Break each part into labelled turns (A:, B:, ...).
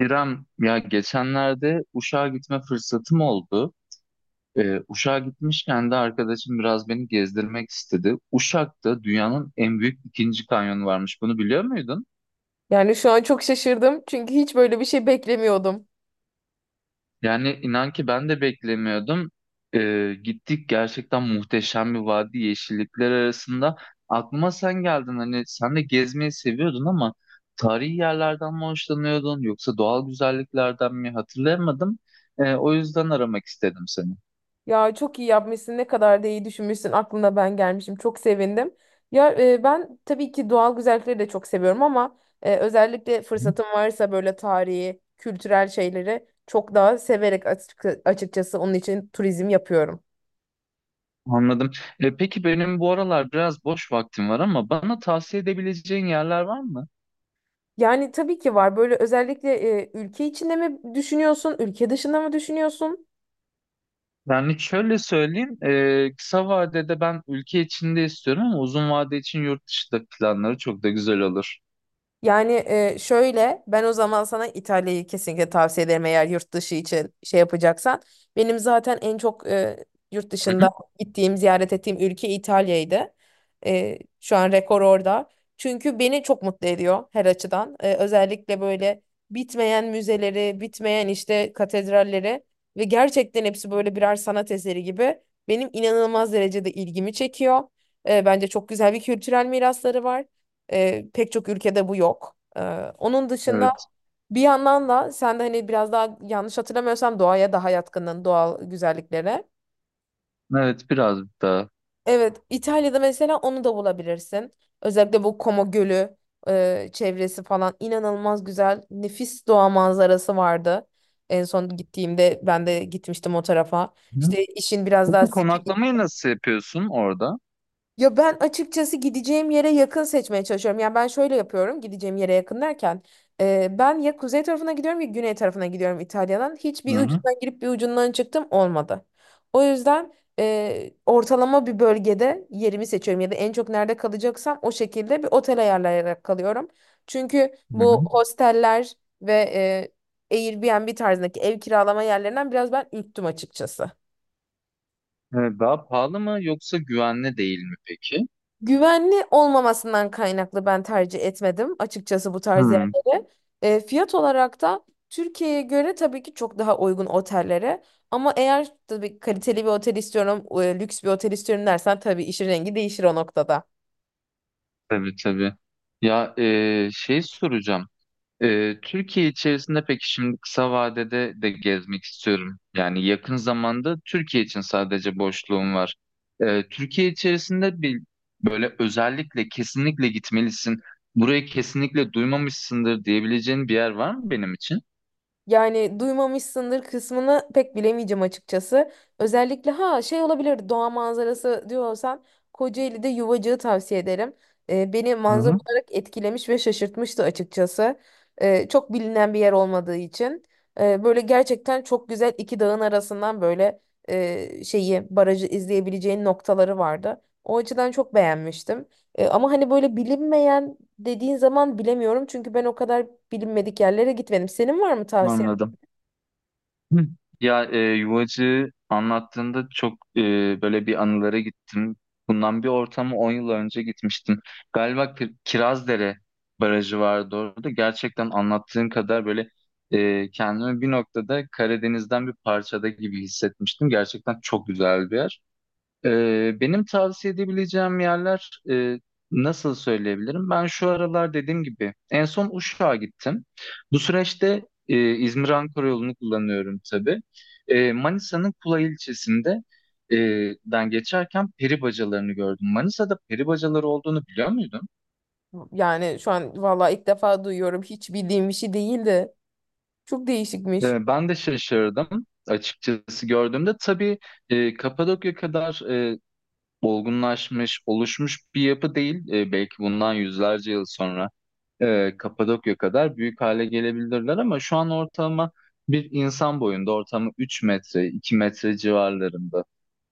A: İrem, ya geçenlerde Uşak'a gitme fırsatım oldu. Uşak'a gitmişken de arkadaşım biraz beni gezdirmek istedi. Uşak'ta dünyanın en büyük ikinci kanyonu varmış. Bunu biliyor muydun?
B: Yani şu an çok şaşırdım çünkü hiç böyle bir şey beklemiyordum.
A: Yani inan ki ben de beklemiyordum. Gittik gerçekten muhteşem bir vadi yeşillikler arasında. Aklıma sen geldin hani sen de gezmeyi seviyordun ama tarihi yerlerden mi hoşlanıyordun yoksa doğal güzelliklerden mi hatırlayamadım. O yüzden aramak istedim seni.
B: Ya çok iyi yapmışsın, ne kadar da iyi düşünmüşsün. Aklına ben gelmişim. Çok sevindim. Ya ben tabii ki doğal güzellikleri de çok seviyorum ama özellikle fırsatım varsa böyle tarihi, kültürel şeyleri çok daha severek açıkçası onun için turizm yapıyorum.
A: Anladım. Peki benim bu aralar biraz boş vaktim var ama bana tavsiye edebileceğin yerler var mı?
B: Yani tabii ki var. Böyle özellikle ülke içinde mi düşünüyorsun, ülke dışında mı düşünüyorsun?
A: Yani şöyle söyleyeyim, kısa vadede ben ülke içinde istiyorum ama uzun vade için yurt dışında planları çok da güzel olur.
B: Yani şöyle ben o zaman sana İtalya'yı kesinlikle tavsiye ederim eğer yurt dışı için şey yapacaksan. Benim zaten en çok yurt
A: Hı
B: dışında
A: hı.
B: gittiğim, ziyaret ettiğim ülke İtalya'ydı. Şu an rekor orada. Çünkü beni çok mutlu ediyor her açıdan. Özellikle böyle bitmeyen müzeleri, bitmeyen işte katedralleri ve gerçekten hepsi böyle birer sanat eseri gibi benim inanılmaz derecede ilgimi çekiyor. Bence çok güzel bir kültürel mirasları var. Pek çok ülkede bu yok. Onun dışında
A: Evet,
B: bir yandan da sen de hani biraz daha yanlış hatırlamıyorsam doğaya daha yatkının doğal güzelliklere.
A: evet biraz daha.
B: Evet, İtalya'da mesela onu da bulabilirsin. Özellikle bu Como Gölü çevresi falan inanılmaz güzel, nefis doğa manzarası vardı. En son gittiğimde ben de gitmiştim o tarafa.
A: Hı hı.
B: İşte işin biraz daha.
A: Peki konaklamayı nasıl yapıyorsun orada?
B: Ya ben açıkçası gideceğim yere yakın seçmeye çalışıyorum. Yani ben şöyle yapıyorum, gideceğim yere yakın derken ben ya kuzey tarafına gidiyorum ya güney tarafına gidiyorum İtalya'dan.
A: Hı
B: Hiçbir
A: hı.
B: ucundan girip bir ucundan çıktım olmadı. O yüzden ortalama bir bölgede yerimi seçiyorum. Ya da en çok nerede kalacaksam o şekilde bir otel ayarlayarak kalıyorum. Çünkü
A: Hı hı.
B: bu hosteller ve Airbnb tarzındaki ev kiralama yerlerinden biraz ben ürktüm açıkçası.
A: Evet, daha pahalı mı yoksa güvenli değil mi peki?
B: Güvenli olmamasından kaynaklı ben tercih etmedim açıkçası bu tarz
A: Hı.
B: yerleri. Fiyat olarak da Türkiye'ye göre tabii ki çok daha uygun otellere. Ama eğer tabii kaliteli bir otel istiyorum, lüks bir otel istiyorum dersen tabii işin rengi değişir o noktada.
A: Tabii tabii. Ya şey soracağım. Türkiye içerisinde peki şimdi kısa vadede de gezmek istiyorum. Yani yakın zamanda Türkiye için sadece boşluğum var. Türkiye içerisinde bir böyle özellikle kesinlikle gitmelisin. Burayı kesinlikle duymamışsındır diyebileceğin bir yer var mı benim için?
B: Yani duymamışsındır kısmını pek bilemeyeceğim açıkçası. Özellikle ha şey olabilir, doğa manzarası diyorsan Kocaeli'de Yuvacık'ı tavsiye ederim. Beni
A: Hı
B: manzara
A: hı,
B: olarak etkilemiş ve şaşırtmıştı açıkçası. Çok bilinen bir yer olmadığı için. Böyle gerçekten çok güzel iki dağın arasından böyle şeyi barajı izleyebileceğin noktaları vardı. O açıdan çok beğenmiştim. Ama hani böyle bilinmeyen dediğin zaman bilemiyorum. Çünkü ben o kadar bilinmedik yerlere gitmedim. Senin var mı tavsiyen?
A: anladım. Hı. Ya yuvacı anlattığında çok böyle bir anılara gittim. Bundan bir ortama 10 yıl önce gitmiştim. Galiba Kirazdere Barajı vardı orada. Gerçekten anlattığın kadar böyle kendimi bir noktada Karadeniz'den bir parçada gibi hissetmiştim. Gerçekten çok güzel bir yer. Benim tavsiye edebileceğim yerler nasıl söyleyebilirim? Ben şu aralar dediğim gibi en son Uşak'a gittim. Bu süreçte İzmir-Ankara yolunu kullanıyorum tabii. Manisa'nın Kula ilçesinde e, den geçerken peri bacalarını gördüm. Manisa'da peri bacaları olduğunu biliyor muydun?
B: Yani şu an valla ilk defa duyuyorum. Hiç bildiğim bir şey değildi. Çok değişikmiş.
A: Ben de şaşırdım açıkçası gördüğümde. Tabii Kapadokya kadar olgunlaşmış, oluşmuş bir yapı değil. E, belki bundan yüzlerce yıl sonra. Kapadokya kadar büyük hale gelebilirler ama şu an ortalama bir insan boyunda ortalama 3 metre 2 metre civarlarında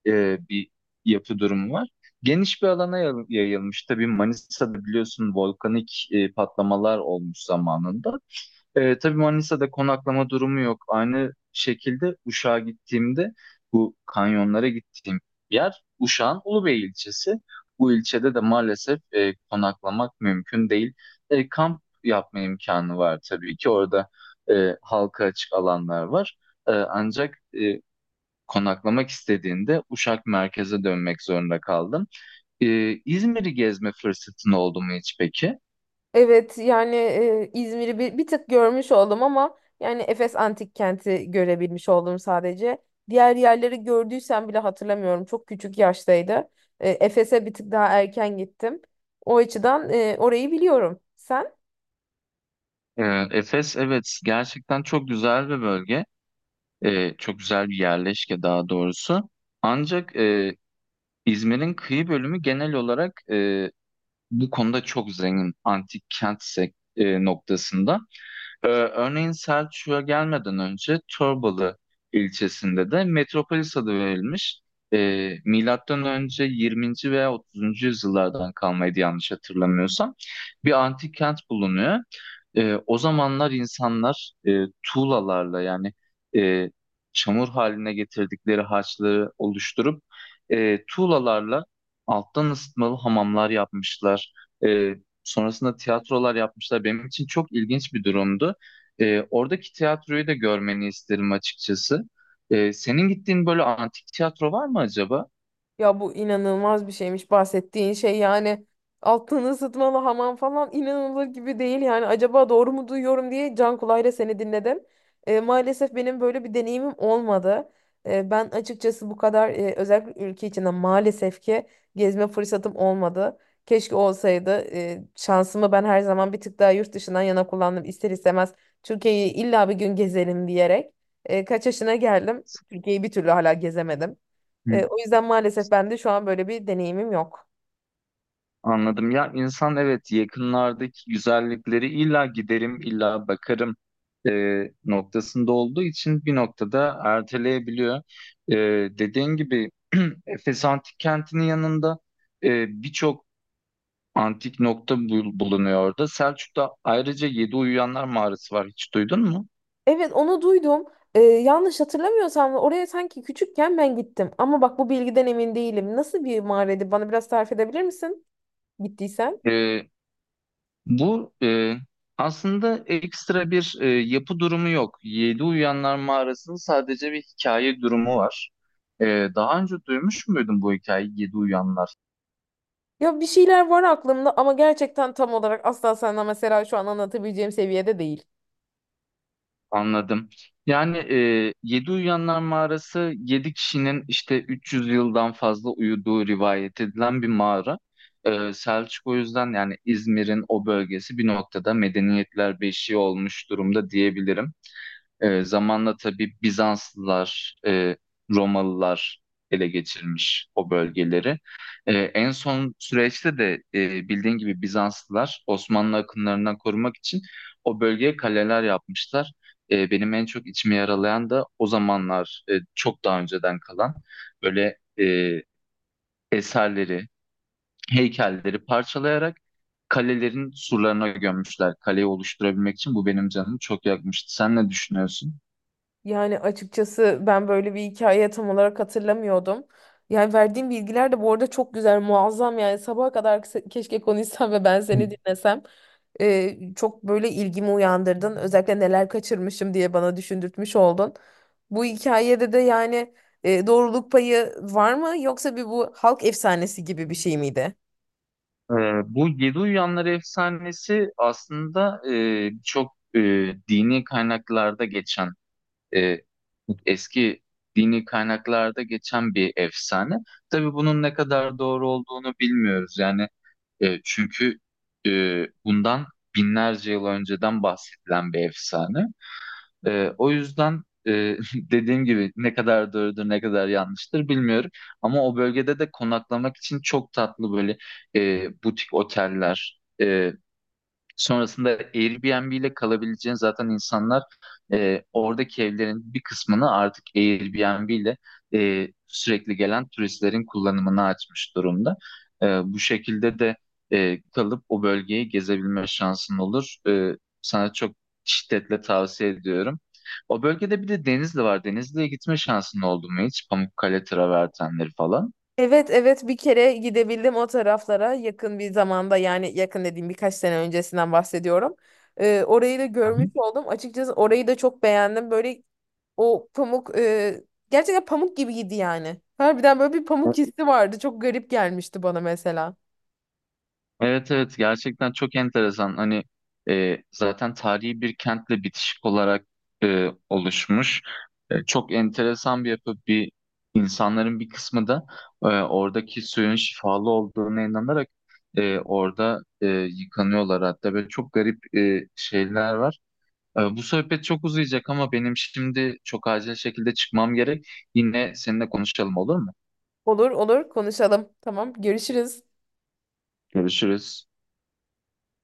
A: bir yapı durumu var. Geniş bir alana yayılmış. Tabii Manisa'da biliyorsun volkanik patlamalar olmuş zamanında. Tabii Manisa'da konaklama durumu yok. Aynı şekilde Uşak'a gittiğimde bu kanyonlara gittiğim yer Uşak'ın Ulubey ilçesi. Bu ilçede de maalesef konaklamak mümkün değil. Kamp yapma imkanı var tabii ki. Orada halka açık alanlar var. Ancak konaklamak istediğinde Uşak merkeze dönmek zorunda kaldım. E, İzmir'i gezme fırsatın oldu mu hiç peki?
B: Evet, yani İzmir'i bir tık görmüş oldum ama yani Efes Antik Kenti görebilmiş oldum sadece. Diğer yerleri gördüysem bile hatırlamıyorum. Çok küçük yaştaydı. Efes'e bir tık daha erken gittim. O açıdan orayı biliyorum. Sen?
A: Efes evet gerçekten çok güzel bir bölge. Çok güzel bir yerleşke daha doğrusu. Ancak İzmir'in kıyı bölümü genel olarak bu konuda çok zengin antik kent noktasında. Örneğin Selçuk'a gelmeden önce Torbalı ilçesinde de Metropolis adı verilmiş. Milattan önce 20. veya 30. yüzyıllardan kalmaydı yanlış hatırlamıyorsam. Bir antik kent bulunuyor. O zamanlar insanlar tuğlalarla yani e, çamur haline getirdikleri harçları oluşturup tuğlalarla alttan ısıtmalı hamamlar yapmışlar. E, Sonrasında tiyatrolar yapmışlar. Benim için çok ilginç bir durumdu. Oradaki tiyatroyu da görmeni isterim açıkçası. Senin gittiğin böyle antik tiyatro var mı acaba?
B: Ya bu inanılmaz bir şeymiş bahsettiğin şey, yani altını ısıtmalı hamam falan inanılır gibi değil yani, acaba doğru mu duyuyorum diye can kulağıyla seni dinledim. Maalesef benim böyle bir deneyimim olmadı. Ben açıkçası bu kadar özellikle ülke içinde maalesef ki gezme fırsatım olmadı. Keşke olsaydı. Şansımı ben her zaman bir tık daha yurt dışından yana kullandım ister istemez, Türkiye'yi illa bir gün gezelim diyerek. Kaç yaşına geldim, Türkiye'yi bir türlü hala gezemedim.
A: Hı.
B: O yüzden maalesef ben de şu an böyle bir deneyimim yok.
A: Anladım. Ya insan evet yakınlardaki güzellikleri illa giderim, illa bakarım noktasında olduğu için bir noktada erteleyebiliyor. E, Dediğin gibi Efes Antik Kenti'nin yanında birçok antik nokta bulunuyor orada. Selçuk'ta ayrıca Yedi Uyuyanlar Mağarası var. Hiç duydun mu?
B: Evet, onu duydum. Yanlış hatırlamıyorsam da oraya sanki küçükken ben gittim. Ama bak, bu bilgiden emin değilim. Nasıl bir mağaraydı? Bana biraz tarif edebilir misin? Gittiysen.
A: Bu aslında ekstra bir yapı durumu yok. Yedi Uyanlar Mağarası'nın sadece bir hikaye durumu var. Daha önce duymuş muydun bu hikayeyi Yedi Uyanlar?
B: Ya bir şeyler var aklımda ama gerçekten tam olarak asla sana mesela şu an anlatabileceğim seviyede değil.
A: Anladım. Yani Yedi Uyanlar Mağarası yedi kişinin işte 300 yıldan fazla uyuduğu rivayet edilen bir mağara. Selçuk o yüzden yani İzmir'in o bölgesi bir noktada medeniyetler beşiği olmuş durumda diyebilirim. Zamanla tabii Bizanslılar, Romalılar ele geçirmiş o bölgeleri. En son süreçte de bildiğin gibi Bizanslılar Osmanlı akınlarından korumak için o bölgeye kaleler yapmışlar. Benim en çok içimi yaralayan da o zamanlar çok daha önceden kalan böyle eserleri, heykelleri parçalayarak kalelerin surlarına gömmüşler. Kaleyi oluşturabilmek için bu benim canımı çok yakmıştı. Sen ne düşünüyorsun?
B: Yani açıkçası ben böyle bir hikaye tam olarak hatırlamıyordum. Yani verdiğim bilgiler de bu arada çok güzel, muazzam, yani sabaha kadar keşke konuşsam ve ben seni dinlesem. Çok böyle ilgimi uyandırdın. Özellikle neler kaçırmışım diye bana düşündürtmüş oldun. Bu hikayede de yani doğruluk payı var mı, yoksa bir bu halk efsanesi gibi bir şey miydi?
A: Bu Yedi Uyanlar efsanesi aslında dini kaynaklarda geçen e, eski dini kaynaklarda geçen bir efsane. Tabii bunun ne kadar doğru olduğunu bilmiyoruz. Yani çünkü bundan binlerce yıl önceden bahsedilen bir efsane. O yüzden dediğim gibi ne kadar doğrudur ne kadar yanlıştır bilmiyorum. Ama o bölgede de konaklamak için çok tatlı böyle butik oteller, sonrasında Airbnb ile kalabileceğin zaten insanlar oradaki evlerin bir kısmını artık Airbnb ile sürekli gelen turistlerin kullanımına açmış durumda. Bu şekilde de kalıp o bölgeyi gezebilme şansın olur. Sana çok şiddetle tavsiye ediyorum. O bölgede bir de Denizli var. Denizli'ye gitme şansın oldu mu hiç? Pamukkale travertenleri falan.
B: Evet, evet, bir kere gidebildim o taraflara yakın bir zamanda, yani yakın dediğim birkaç sene öncesinden bahsediyorum. Orayı da
A: Hı
B: görmüş
A: hı.
B: oldum. Açıkçası orayı da çok beğendim. Böyle o pamuk gerçekten pamuk gibiydi yani. Harbiden böyle bir pamuk hissi vardı. Çok garip gelmişti bana mesela.
A: Evet evet gerçekten çok enteresan. Hani zaten tarihi bir kentle bitişik olarak oluşmuş. Çok enteresan bir yapı. Bir insanların bir kısmı da oradaki suyun şifalı olduğuna inanarak orada yıkanıyorlar hatta böyle çok garip şeyler var. Bu sohbet çok uzayacak ama benim şimdi çok acil şekilde çıkmam gerek. Yine seninle konuşalım olur mu?
B: Olur olur konuşalım. Tamam, görüşürüz.
A: Görüşürüz.